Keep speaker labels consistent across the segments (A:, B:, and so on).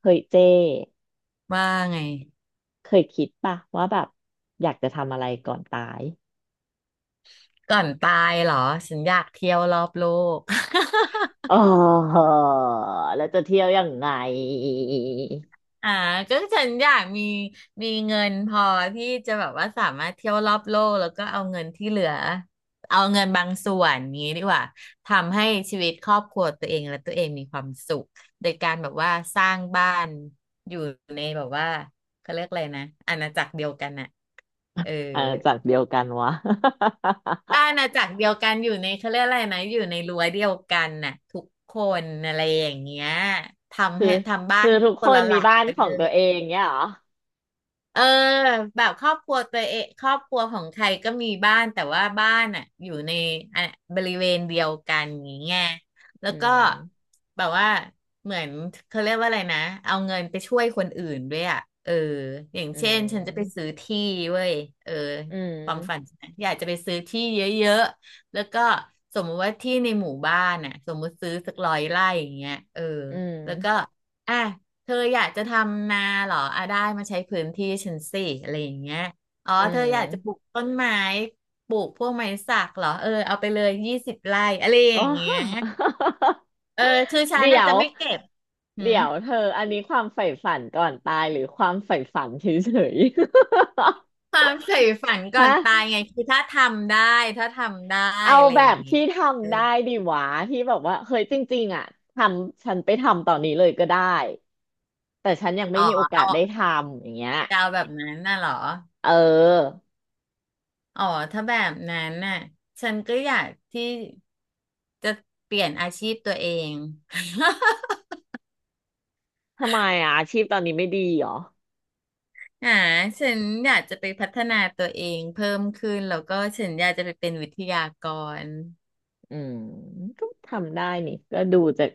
A: เคยเจ้
B: ว่าไง
A: เคยคิดป่ะว่าแบบอยากจะทำอะไรก่อนตาย
B: ก่อนตายเหรอฉันอยากเที่ยวรอบโลก
A: อ๋อแล้วจะเที่ยวยังไง
B: อ่าก็ฉันอยากมีเงินพอที่จะแบบว่าสามารถเที่ยวรอบโลกแล้วก็เอาเงินที่เหลือเอาเงินบางส่วนนี้ดีกว่าทำให้ชีวิตครอบครัวตัวเองและตัวเองมีความสุขโดยการแบบว่าสร้างบ้านอยู่ในแบบว่าเขาเรียกอะไรนะอาณาจักรเดียวกันน่ะเออ
A: เออจากเดียวกันวะ
B: อาณาจักรเดียวกันอยู่ในเขาเรียกอะไรนะอยู่ในรั้วเดียวกันน่ะทุกคนอะไรอย่างเงี้ย ทำ
A: คือ
B: ให้ทำบ้า
A: คือ
B: น
A: ทุก
B: ค
A: ค
B: น
A: น
B: ละห
A: มี
B: ลัง
A: บ้าน
B: ไป
A: ขอ
B: เล
A: งตัวเอ
B: ย
A: งเนี่ยเหรอ
B: เออแบบครอบครัวตัวเองครอบครัวของใครก็มีบ้านแต่ว่าบ้านอ่ะอยู่ในอ่ะบริเวณเดียวกันอย่างเงี้ยแล้
A: อื
B: วก็
A: ม
B: แบบว่าเหมือนเขาเรียกว่าอะไรนะเอาเงินไปช่วยคนอื่นด้วยอ่ะเอออย่าง
A: อื
B: เช่นฉันจะไป
A: ม
B: ซื้อที่เว้ยเออ
A: อื
B: ความฝัน
A: ม
B: ฉันนะอยากจะไปซื้อที่เยอะๆแล้วก็สมมติว่าที่ในหมู่บ้านอ่ะสมมติซื้อสัก100 ไร่อย่างเงี้ยเออ
A: อืม
B: อ่ะเธออยากจะทำนาเหรออ่ะได้มาใช้พื้นที่ฉันสิอะไรอย่างเงี้ยอ๋อ
A: อื
B: เธออยากจะปลูก
A: ม
B: ต้นไม้ปลูกพวกไม้สักเหรอเออเอาไปเลย20 ไร่อะไรอ
A: อ๋
B: ย่างเงี้ย
A: อ
B: เออคือ ฉัน
A: เดี๋
B: อา
A: ย
B: จจะ
A: ว
B: ไม่เก็บหื
A: เดี๋
B: ม
A: ยวเธออันนี้ความใฝ่ฝันก่อนตายหรือความใฝ่ฝันเฉย
B: ความใฝ่ฝัน
A: ๆ
B: ก่อน
A: ฮะ
B: ตายไงคือถ้าทำได้ถ้าทำได้
A: เอา
B: อะไร
A: แบ
B: อย่าง
A: บ
B: งี้
A: ที่ท
B: เออ
A: ำได้ดีหวาที่แบบว่าเฮ้ยจริงๆอ่ะทำฉันไปทำตอนนี้เลยก็ได้แต่ฉันยังไม่
B: อ๋อ
A: มีโอกา
B: เอา
A: สได้ทำอย่างเงี้ย
B: จะเอาแบบนั้นน่ะเหรอ
A: เออ
B: อ๋อถ้าแบบนั้นน่ะฉันก็อยากที่จะเปลี่ยนอาชีพตัวเอง
A: ทำไมอ่ะอาชีพตอนนี้ไม่ดีเหรอ
B: อ่าฉันอยากจะไปพัฒนาตัวเองเพิ่มขึ้นแล้วก็ฉันอยากจะไปเป็นวิทยากร
A: อืมก็ทำได้นี่ก็ดูจาก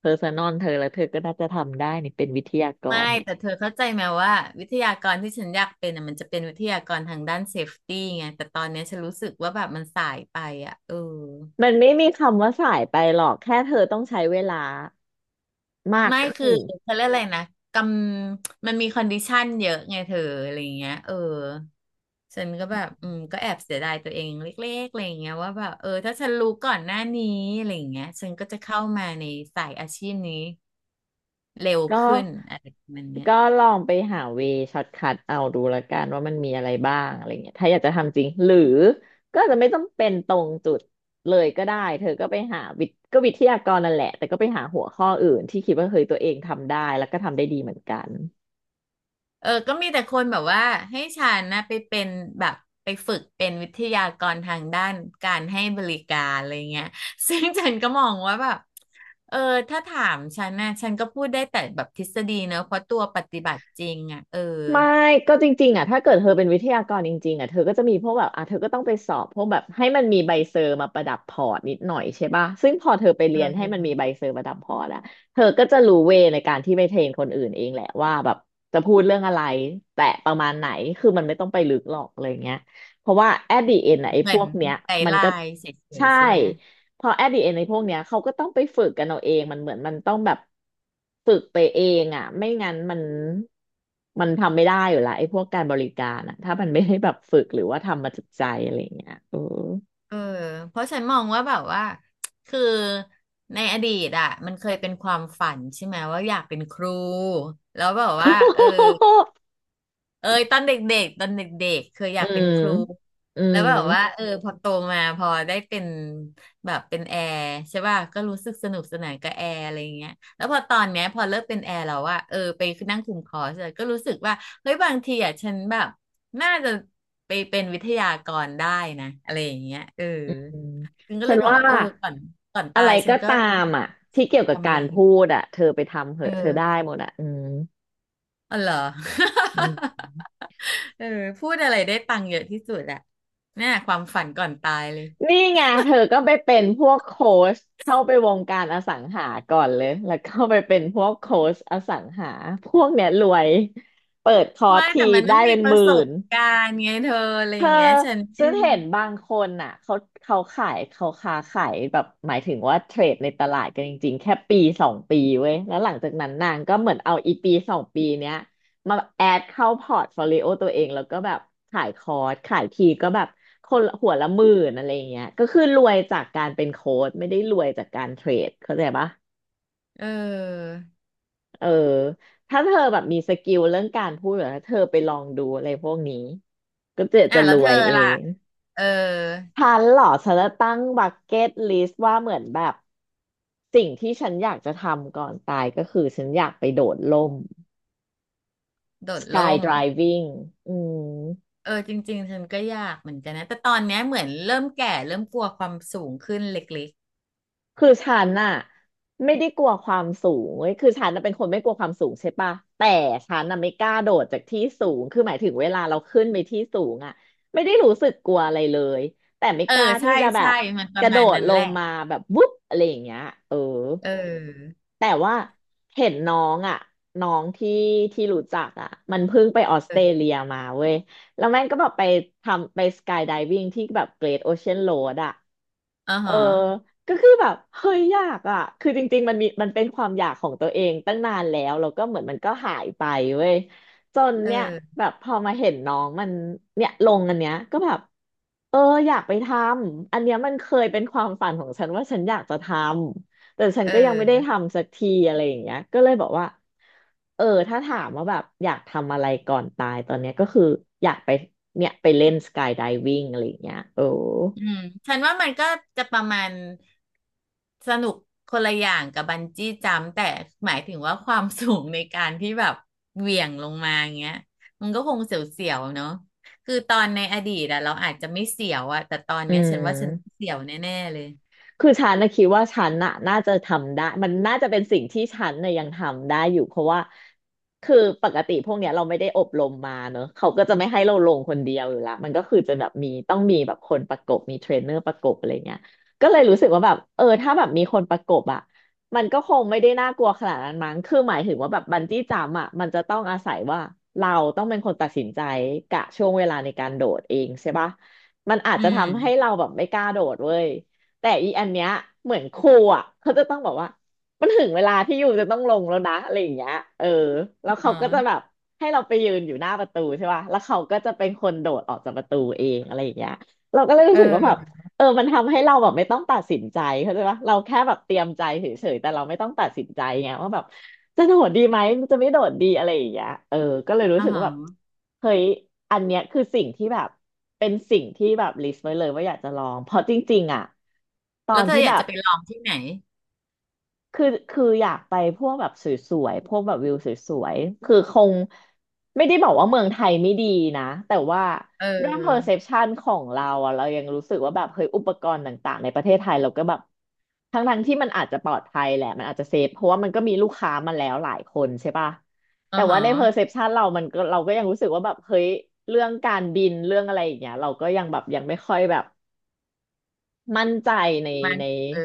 A: เพอร์ซันอลเธอแล้วเธอก็น่าจะทำได้นี่เป็นวิทยาก
B: ไม่
A: รเนี่ย
B: แต่เธอเข้าใจไหมว่าวิทยากรที่ฉันอยากเป็นอ่ะมันจะเป็นวิทยากรทางด้านเซฟตี้ไงแต่ตอนเนี้ยฉันรู้สึกว่าแบบมันสายไปอ่ะเออ
A: มันไม่มีคำว่าสายไปหรอกแค่เธอต้องใช้เวลามาก
B: ไม่
A: ขึ้
B: คือ
A: น
B: เขาเรียกอะไรนะกำมันมีคอนดิชันเยอะไงเธออะไรอย่างเงี้ยเออฉันก็แบบอืมก็แอบเสียดายตัวเองเล็กๆอะไรอย่างเงี้ยว่าแบบเออถ้าฉันรู้ก่อนหน้านี้อะไรอย่างเงี้ยฉันก็จะเข้ามาในสายอาชีพนี้ เร็ว
A: ก็
B: ขึ้นอะไรประมันเนี้ย
A: ก็ลองไปหาเวช็อตคัทเอาดูละกันว่ามันมีอะไรบ้างอะไรเงี้ยถ้าอยากจะทำจริงหรือก็อาจจะไม่ต้องเป็นตรงจุดเลยก็ได้เธอก็ไปหาวิทก็วิทยากรนั่นแหละแต่ก็ไปหาหัวข้ออื่นที่คิดว่าเฮ้ยตัวเองทำได้แล้วก็ทำได้ดีเหมือนกัน
B: เออก็มีแต่คนแบบว่าให้ฉันนะไปเป็นแบบไปฝึกเป็นวิทยากรทางด้านการให้บริการอะไรเงี้ย ซึ่งฉันก็มองว่าแบบเออถ้าถามฉันนะฉันก็พูดได้แต่แบบทฤษฎีเนอะเพราะตัวปฏิบัติจริงอ่ะเออ
A: ไม่ก็จริงๆอ่ะถ้าเกิดเธอเป็นวิทยากรจริงๆอ่ะเธอก็จะมีพวกแบบอ่ะเธอก็ต้องไปสอบพวกแบบให้มันมีใบเซอร์มาประดับพอร์ตนิดหน่อยใช่ป่ะซึ่งพอเธอไปเรี
B: เอ
A: ยนให้มันมี
B: อ
A: ใบเซอร์ประดับพอร์ตอะเธอก็จะรู้เวในการที่ไปเทรนคนอื่นเองแหละว่าแบบจะพูดเรื่องอะไรแต่ประมาณไหนคือมันไม่ต้องไปลึกหรอกอะไรเงี้ยเพราะว่า at the end
B: เห
A: อะไอ้พ
B: มือ
A: ว
B: น
A: กเนี้ย
B: ไกด์
A: มัน
B: ไล
A: ก็
B: น์เฉย
A: ใช่
B: ๆใช่ไหม
A: พอแอดดิเอในพวกเนี้ยเขาก็ต้องไปฝึกกันเอาเองมันเหมือนมันต้องแบบฝึกไปเองอ่ะไม่งั้นมันทำไม่ได้อยู่ละไอ้พวกการบริการอ่ะถ้ามันไม่ได้แบบฝึกหรือว่าทำมาจากใจอะไรอย่างเงี้ยเออ
B: เออเพราะฉันมองว่าแบบว่า คือในอดีตอ่ะมันเคยเป็นความฝันใช่ไหมว่าอยากเป็นครูแล้วแบบว่าเออ เอ้ยตอนเด็กๆตอนเด็กๆเคยอ
A: อื
B: ยากเป็น
A: ม
B: ครู
A: อื
B: แล้
A: ม
B: วแบบว่าเออพอโตมาพอได้เป็นแบบเป็นแอร์ใช่ป่ะก็รู้สึกสนุกสนานกับแอร์อะไรอย่างเงี้ยแล้วพอตอนเนี้ยพอเลิกเป็นแอร์แล้วว่าเออไปนั่งคุมคอร์สอะก็รู้สึกว่าเฮ้ยบางทีอะฉันแบบน่าจะไปเป็นวิทยากรได้นะอะไรอย่างเงี้ยเออ
A: อืม
B: ฉันก็
A: ฉั
B: เล
A: น
B: ยบอก
A: ว่า
B: ว่าเออก่อนก่อน
A: อะ
B: ตา
A: ไร
B: ยฉัน
A: ก็
B: ก็
A: ตามอ่ะที่เกี่ยวกับ
B: ทำอะ
A: กา
B: ไร
A: รพูดอ่ะเธอไปทำเห
B: เออ
A: อะเธอได้หมดอ่ะอื
B: อ๋อเหรอ
A: ม
B: เออพูดอะไรได้ตังค์เยอะที่สุดอะเนี่ยความฝันก่อนตายเลย
A: นี่ไงเธอก็ไปเป็นพวกโค้ชเข้าไปวงการอสังหาก่อนเลยแล้วก็ไปเป็นพวกโค้ชอสังหาพวกเนี้ยรวยเปิดคอร์ส
B: ไม่
A: ที
B: แต่มัน
A: ได้
B: ต้องมี
A: เป็น
B: ป
A: ห
B: ระ
A: มื่
B: สบ
A: น
B: การณ์ไงเธออะไร
A: เธ
B: อ
A: อ
B: ย่างเงี้ยฉันเอ
A: ฉั
B: อ
A: นเห็นบางคนอ่ะเขาขายเขาค้าขายแบบหมายถึงว่าเทรดในตลาดกันจริงๆแค่ปีสองปีเว้ยแล้วหลังจากนั้นนางก็เหมือนเอาอีปีสองปีเนี้ยมาแอดเข้าพอร์ตโฟลิโอตัวเองแล้วก็แบบขายคอร์สขายทีก็แบบคนละหัวละหมื่นอะไรอย่างเงี้ยก็คือรวยจากการเป็นโค้ชไม่ได้รวยจากการเทรดเข้าใจปะ
B: อ
A: เออถ้าเธอแบบมีสกิลเรื่องการพูดหรือถ้าเธอไปลองดูอะไรพวกนี้ก็จะ
B: อ่ะ
A: จะร
B: แล้วเธ
A: ว
B: อ
A: ยเอ
B: ล่ะ
A: ง
B: เออ
A: ฉันเหรอฉันจะตั้งบักเก็ตลิสต์ว่าเหมือนแบบสิ่งที่ฉันอยากจะทำก่อนตายก็คือฉันอยากไปโดดร่ม
B: โดด
A: Sky
B: ร่ม
A: Driving อืม
B: เออจริงๆฉันก็อยากเหมือนกันนะแต่ตอนเนี้ยเหมือนเริ่มแก่เริ่มกลัวความสูงขึ้นเล็ก
A: คือฉันน่ะไม่ได้กลัวความสูงเว้ยคือฉันน่ะเป็นคนไม่กลัวความสูงใช่ปะแต่ฉันน่ะไม่กล้าโดดจากที่สูง คือหมายถึงเวลาเราขึ้นไปที่สูงอ่ะไม่ได้รู้สึกกลัวอะไรเลย แต่ไม่
B: ๆเออ
A: กล้าที่
B: ใช่
A: จะแบ
B: ใช่
A: บ
B: มันป
A: ก
B: ระ
A: ระโด
B: มาณ
A: ด
B: นั้น
A: ล
B: แห
A: ง
B: ละ
A: มาแบบวุ๊บอะไรอย่างเงี้ยเออ
B: เออ
A: แต่ว่าเห็นน้องอ่ะน้องที่ที่รู้จักอ่ะมันเพิ่งไปออสเตร
B: เออ
A: เลียมาเว้ยแล้วแม่งก็แบบไปทำไปสกายไดวิ n งที่แบบเกร t โอเชียนโรดอ่ะ
B: อ๋อ
A: เออ
B: ฮะ
A: ก็คือแบบเฮ้ยอยากอ่ะคือจริงๆมันมีมันเป็นความอยากของตัวเองตั้งนานแล้วแล้วก็เหมือนมันก็หายไปเว้ยจน
B: เอ
A: เนี่ย
B: อ
A: แบบพอมาเห็นน้องมันเนี่ยลงอันเนี้ยก็แบบเอออยากไปทำอันเนี้ยมันเคยเป็นความฝันของฉันว่าฉันอยากจะทำแต่ฉัน
B: เอ
A: ก็ยังไม่ได้
B: อ
A: ทำสักทีอะไรอย่างเงี้ยก็เลยบอกว่าเออถ้าถามว่าแบบอยากทำอะไรก่อนตายตอนเนี้ยก็คืออยากไปเนี่ยไปเล่นสกายไดวิ่งอะไรอย่างเงี้ยโอ้
B: อืมฉันว่ามันก็จะประมาณสนุกคนละอย่างกับบันจี้จัมป์แต่หมายถึงว่าความสูงในการที่แบบเหวี่ยงลงมาอย่างเงี้ยมันก็คงเสียวๆเนาะคือตอนในอดีตอะเราอาจจะไม่เสียวอะแต่ตอน
A: อื
B: เนี้ยฉันว่าฉัน
A: ม
B: เสียวแน่ๆเลย
A: คือฉันนะคิดว่าฉันน่ะน่าจะทำได้มันน่าจะเป็นสิ่งที่ฉันน่ะยังทำได้อยู่เพราะว่าคือปกติพวกเนี้ยเราไม่ได้อบรมมาเนอะเขาก็จะไม่ให้เราลงคนเดียวอยู่ละมันก็คือจะแบบมีต้องมีแบบคนประกบมีเทรนเนอร์ประกบอะไรเงี้ยก็เลยรู้สึกว่าแบบเออถ้าแบบมีคนประกบอ่ะมันก็คงไม่ได้น่ากลัวขนาดนั้นมั้งคือหมายถึงว่าแบบบันจี้จัมป์อ่ะมันจะต้องอาศัยว่าเราต้องเป็นคนตัดสินใจกะช่วงเวลาในการโดดเองใช่ปะมันอาจ
B: อื
A: จะ
B: ม
A: ทำให้เราแบบไม่กล้าโดดเว้ย แต่อีอันเนี้ยเหมือนครูอ่ะเขาจะต้องบอกว่ามันถึงเวลาที่ยูจะต้องลงแล้วนะอะไรอย่างเงี้ยเออแล้ว
B: อ๋
A: เขาก็จะแบ
B: อ
A: บให้เราไปยืนอยู่หน้าประตูใช่ป่ะแล้วเขาก็จะเป็นคนโดดออกจากประตูเองอะไรอย่างเงี้ยเราก็เลยรู้สึกว่าแบบ
B: เออ
A: เออมันทำให้เราแบบไม่ต้องตัดสินใจเข้าใจปะเราแค่แบบเตรียมใจเฉยๆแต่เราไม่ต้องตัดสินใจไงว่าแบบจะโดดดีไหมจะไม่โดดดีอะไรอย่างเงี้ยเออก็เลยรู้
B: อ๋อ
A: สึกว่าแบบเฮ้ยอันเนี้ยคือสิ่งที่แบบเป็นสิ่งที่แบบลิสต์ไว้เลยว่าอยากจะลองเพราะจริงๆอ่ะตอ
B: แล้ว
A: น
B: เธอ
A: ที่
B: อ
A: แบ
B: ยาก
A: บ
B: จะไปลองที่ไหน
A: คืออยากไปพวกแบบสวยๆพวกแบบวิวสวยๆคือคงไม่ได้บอกว่าเมืองไทยไม่ดีนะแต่ว่า
B: เ
A: ด้วย
B: ออ
A: perception ของเราอะเรายังรู้สึกว่าแบบเฮ้ยอุปกรณ์ต่างๆในประเทศไทยเราก็แบบทั้งที่มันอาจจะปลอดภัยแหละมันอาจจะเซฟเพราะว่ามันก็มีลูกค้ามาแล้วหลายคนใช่ป่ะ
B: อ๋อ
A: แต่
B: ฮ
A: ว่าใน perception เรามันก็เราก็ยังรู้สึกว่าแบบเฮ้ยเรื่องการบินเรื่องอะไรอย่างเงี้ยเราก็ยังแบบยังไม่ค่อยแบบ มั่นใจใน
B: มัน
A: ใน
B: เออ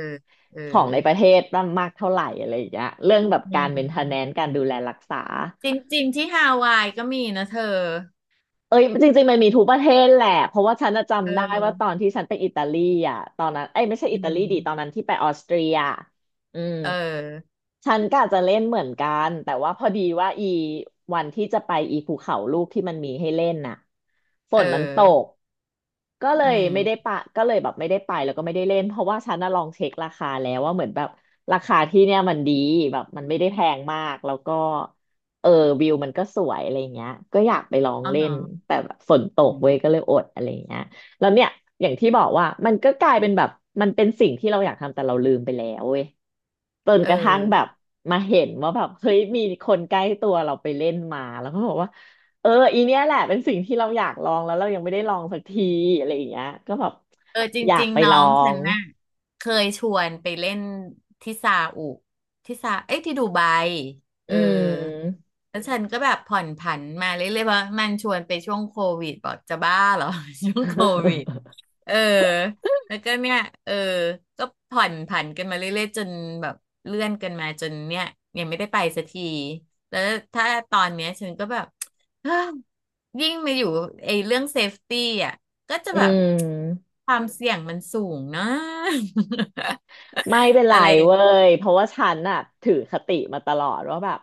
B: เออ
A: ของในประเทศมากเท่าไหร่อะไรอย่างเงี้ยเรื่องแบบ
B: อื
A: การ
B: ม
A: เมนเทนแนนซ์การดูแลรักษา
B: จริงๆที่ฮาวายก็มีนะเธอ
A: เอ้ยจริงๆมันมีทุกประเทศแหละเพราะว่าฉันน่ะ
B: เ
A: จำได้ว่าต
B: ออ
A: อนที่ฉันไปอิตาลีอ่ะตอนนั้นเอ้ยไม่ใช่
B: อื
A: อิตาลีดิตอน
B: ม
A: นั้นที่ไปออสเตรียอืม
B: เออ
A: ฉันก็อาจจะเล่นเหมือนกันแต่ว่าพอดีว่าอีวันที่จะไปอีภูเขาลูกที่มันมีให้เล่นน่ะฝ
B: เอ
A: นมันตก
B: อ
A: ก็เล
B: อื
A: ยไม่ได้
B: ม
A: ปะก็เลยแบบไม่ได้ไปแล้วก็ไม่ได้เล่นเพราะว่าฉันน่ะลองเช็คราคาแล้วว่าเหมือนแบบราคาที่เนี่ยมันดีแบบมันไม่ได้แพงมากแล้วก็เออวิวมันก็สวยอะไรเงี้ยก็อยากไปลอง
B: อ๋อ
A: เล่
B: ฮะ
A: นแต่แบบฝนตก
B: อืม
A: เว้ยก็เลยอดอะไรเงี้ยแล้วเนี่ยอย่างที่บอกว่ามันก็กลายเป็นแบบมันเป็นสิ่งที่เราอยากทำแต่เราลืมไปแล้วเว้ยจน
B: เออ
A: กระทั่งแบบมาเห็นว่าแบบเฮ้ยมีคนใกล้ตัวเราไปเล่นมาแล้วก็บอกว่า เอออีเนี้ยแหละเป็นสิ่งที่เราอยากลองแล้วเรายังไม่ได้ลองสักทีอะไรอย่างเงี้ยก็แบบ
B: เออจ
A: อยาก
B: ริง
A: ไป
B: ๆน้อ
A: ลอ
B: งฉั
A: ง
B: นน่ะเคยชวนไปเล่นที่ซาอุที่ซาเอ้ยที่ดูไบเอ
A: อื
B: อ
A: ม
B: แล้วฉันก็แบบผ่อนผันมาเรื่อยๆเพราะมันชวนไปช่วงโควิดบอกจะบ้าเหรอ ช่วงโควิดเออแล้วก็เนี่ยเออก็ผ่อนผันกันมาเรื่อยๆจนแบบเลื่อนกันมาจนเนี่ยยังไม่ได้ไปสักทีแล้วถ้าตอนเนี้ยฉันก็แบบ ฮยิ่งมาอยู่ไอ้เรื่องเซฟตี้อ่ะ ก็จะ
A: อื
B: แบบ
A: ม
B: ความเสี่ยงมันสูงนะ
A: ไม่เป็น ไร
B: อะไร
A: เว้ยเพราะว่าฉันน่ะถือคติมาตลอดว่าแบบ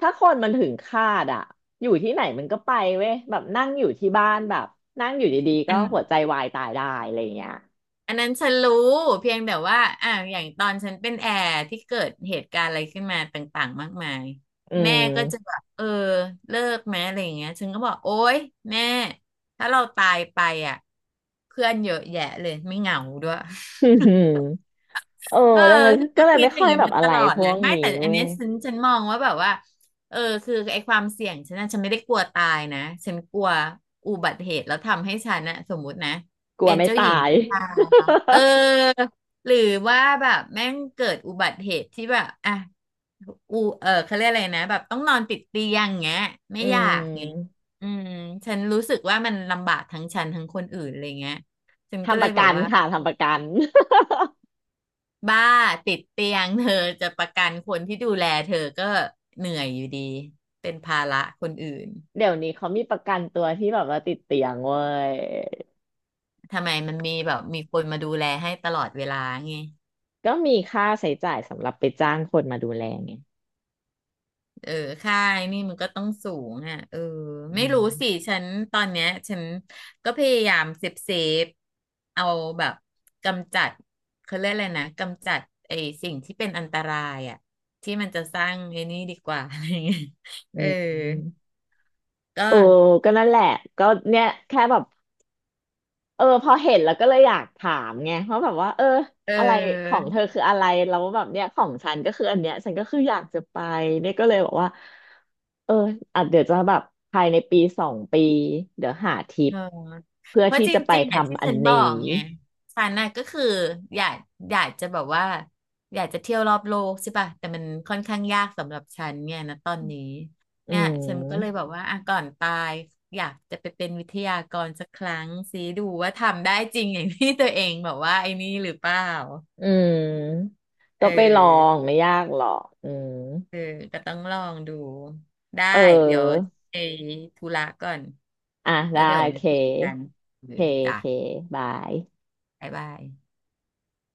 A: ถ้าคนมันถึงคาดอ่ะอยู่ที่ไหนมันก็ไปเว้ยแบบนั่งอยู่ที่บ้านแบบนั่งอยู่ดีๆ
B: อั
A: ก็
B: น
A: หัวใจวายตายได้อะไรอย่างเงี้ย
B: อันนั้นฉันรู้เพียงแต่ว่าอ่ะอย่างตอนฉันเป็นแอร์ที่เกิดเหตุการณ์อะไรขึ้นมาต่างๆมากมาย
A: อื
B: แม่
A: ม
B: ก็จะแบบเออเลิกไหมอะไรอย่างเงี้ยฉันก็บอกโอ๊ยแม่ถ้าเราตายไปอ่ะเพื่อนเยอะแยะเลยไม่เหงาด้วย
A: อืมเออ
B: เออ
A: ดังนั้น
B: ฉัน
A: ก็
B: ก็
A: เลย
B: คิ
A: ไม่
B: ดอย่า
A: ค่อ
B: ง
A: ย
B: นี้
A: แบบ
B: มา
A: อะ
B: ต
A: ไร
B: ลอด
A: พ
B: และ
A: วก
B: ไม่
A: นี้
B: แต่อัน
A: เว้
B: เนี้
A: ย
B: ยฉันมองว่าแบบว่าเออคือไอ้ความเสี่ยงฉันน่ะฉันไม่ได้กลัวตายนะฉันกลัวอุบัติเหตุแล้วทำให้ฉันน่ะสมมุตินะ
A: กลั
B: เป็
A: ว
B: น
A: ไม่
B: เจ้า
A: ตา
B: หญิง
A: ย
B: นิทราเออหรือว่าแบบแม่งเกิดอุบัติเหตุที่แบบอ่ะอูเออเขาเรียกอะไรนะแบบต้องนอนติดเตียงเงี้ยไม่
A: อื
B: อยากเงี้ย
A: ม
B: อืมฉันรู้สึกว่ามันลำบากทั้งฉันทั้งคนอื่นอะไรเงี้ยฉันก็
A: ทำ
B: เล
A: ป
B: ย
A: ระ
B: แบ
A: กั
B: บ
A: น
B: ว่า
A: ค่ะทำประกัน
B: บ้าติดเตียง เธอจะประกันคนที่ดูแลเธอก็เหนื่อยอยู่ดีเป็นภาระคนอื่น
A: เดี๋ยวนี้เขามีประกันตัวที่แบบว่าติดเตียงเว้ย
B: ทำไมมันมีแบบมีคนมาดูแลให้ตลอดเวลาไง
A: ก็มีค่าใช้จ่ายสำหรับไปจ้างคนมาดูแลไง
B: เออค่าไอ้นี่มันก็ต้องสูงอ่ะเออ
A: อื
B: ไม่รู้
A: ม
B: สิฉันตอนเนี้ยฉันก็พยายามเซฟเซฟเอาแบบกำจัดเขาเรียกอะไรนะกำจัดไอ้สิ่งที่เป็นอันตรายอ่ะที่มันจะสร้างไอ้นี่ดีกว่าอะไรเงี้ย
A: อื
B: เออ
A: ม
B: ก็
A: โอ้ก็นั่นแหละก็เนี่ยแค่แบบเออพอเห็นแล้วก็เลยอยากถามไงเพราะแบบว่าเออ
B: เอ
A: อะไรของเธอ
B: อ
A: คืออะไรแล้วแบบเนี้ยของฉันก็คืออันเนี้ยฉันก็คืออยากจะไปเนี่ยก็เลยบอกว่าเอออาจเดี๋ยวจะแบบภายในปีสองปีเดี๋ยวหาทริ
B: เอ
A: ป
B: อ
A: เพื่อ
B: เพราะ
A: ที่
B: จ
A: จะไป
B: ริงๆอ่ะที่
A: ทำอั
B: ฉั
A: น
B: นบ
A: นี้
B: อกไงฉันน่ะก็คืออยากอยากจะแบบว่าอยากจะเที่ยวรอบโลกใช่ป่ะแต่มันค่อนข้างยากสำหรับฉันไงนะตอนนี้
A: อื
B: เนี่ยฉันก็เลยแบ
A: ม
B: บว่าอ่ะก่อนตายอยากจะไปเป็นวิทยากรสักครั้งสิดูว่าทำได้จริงอย่างที่ตัวเองแบบว่าไอ้นี่หรือเปล่า
A: อืม
B: เอ
A: ก็ไปลอง
B: อ
A: ไม่ยากหรอกอืม
B: เออก็ต้องลองดูได้
A: เ
B: เดี๋ยว
A: ออ
B: ไปธุระก่อน
A: อ่ะ
B: แล้
A: ได้
B: วเดี๋ยว
A: โอ
B: ไว้
A: เค
B: คุยกันเอ
A: โอ
B: อ
A: เคโอ
B: จ้ะ
A: เคบาย
B: บ๊ายบาย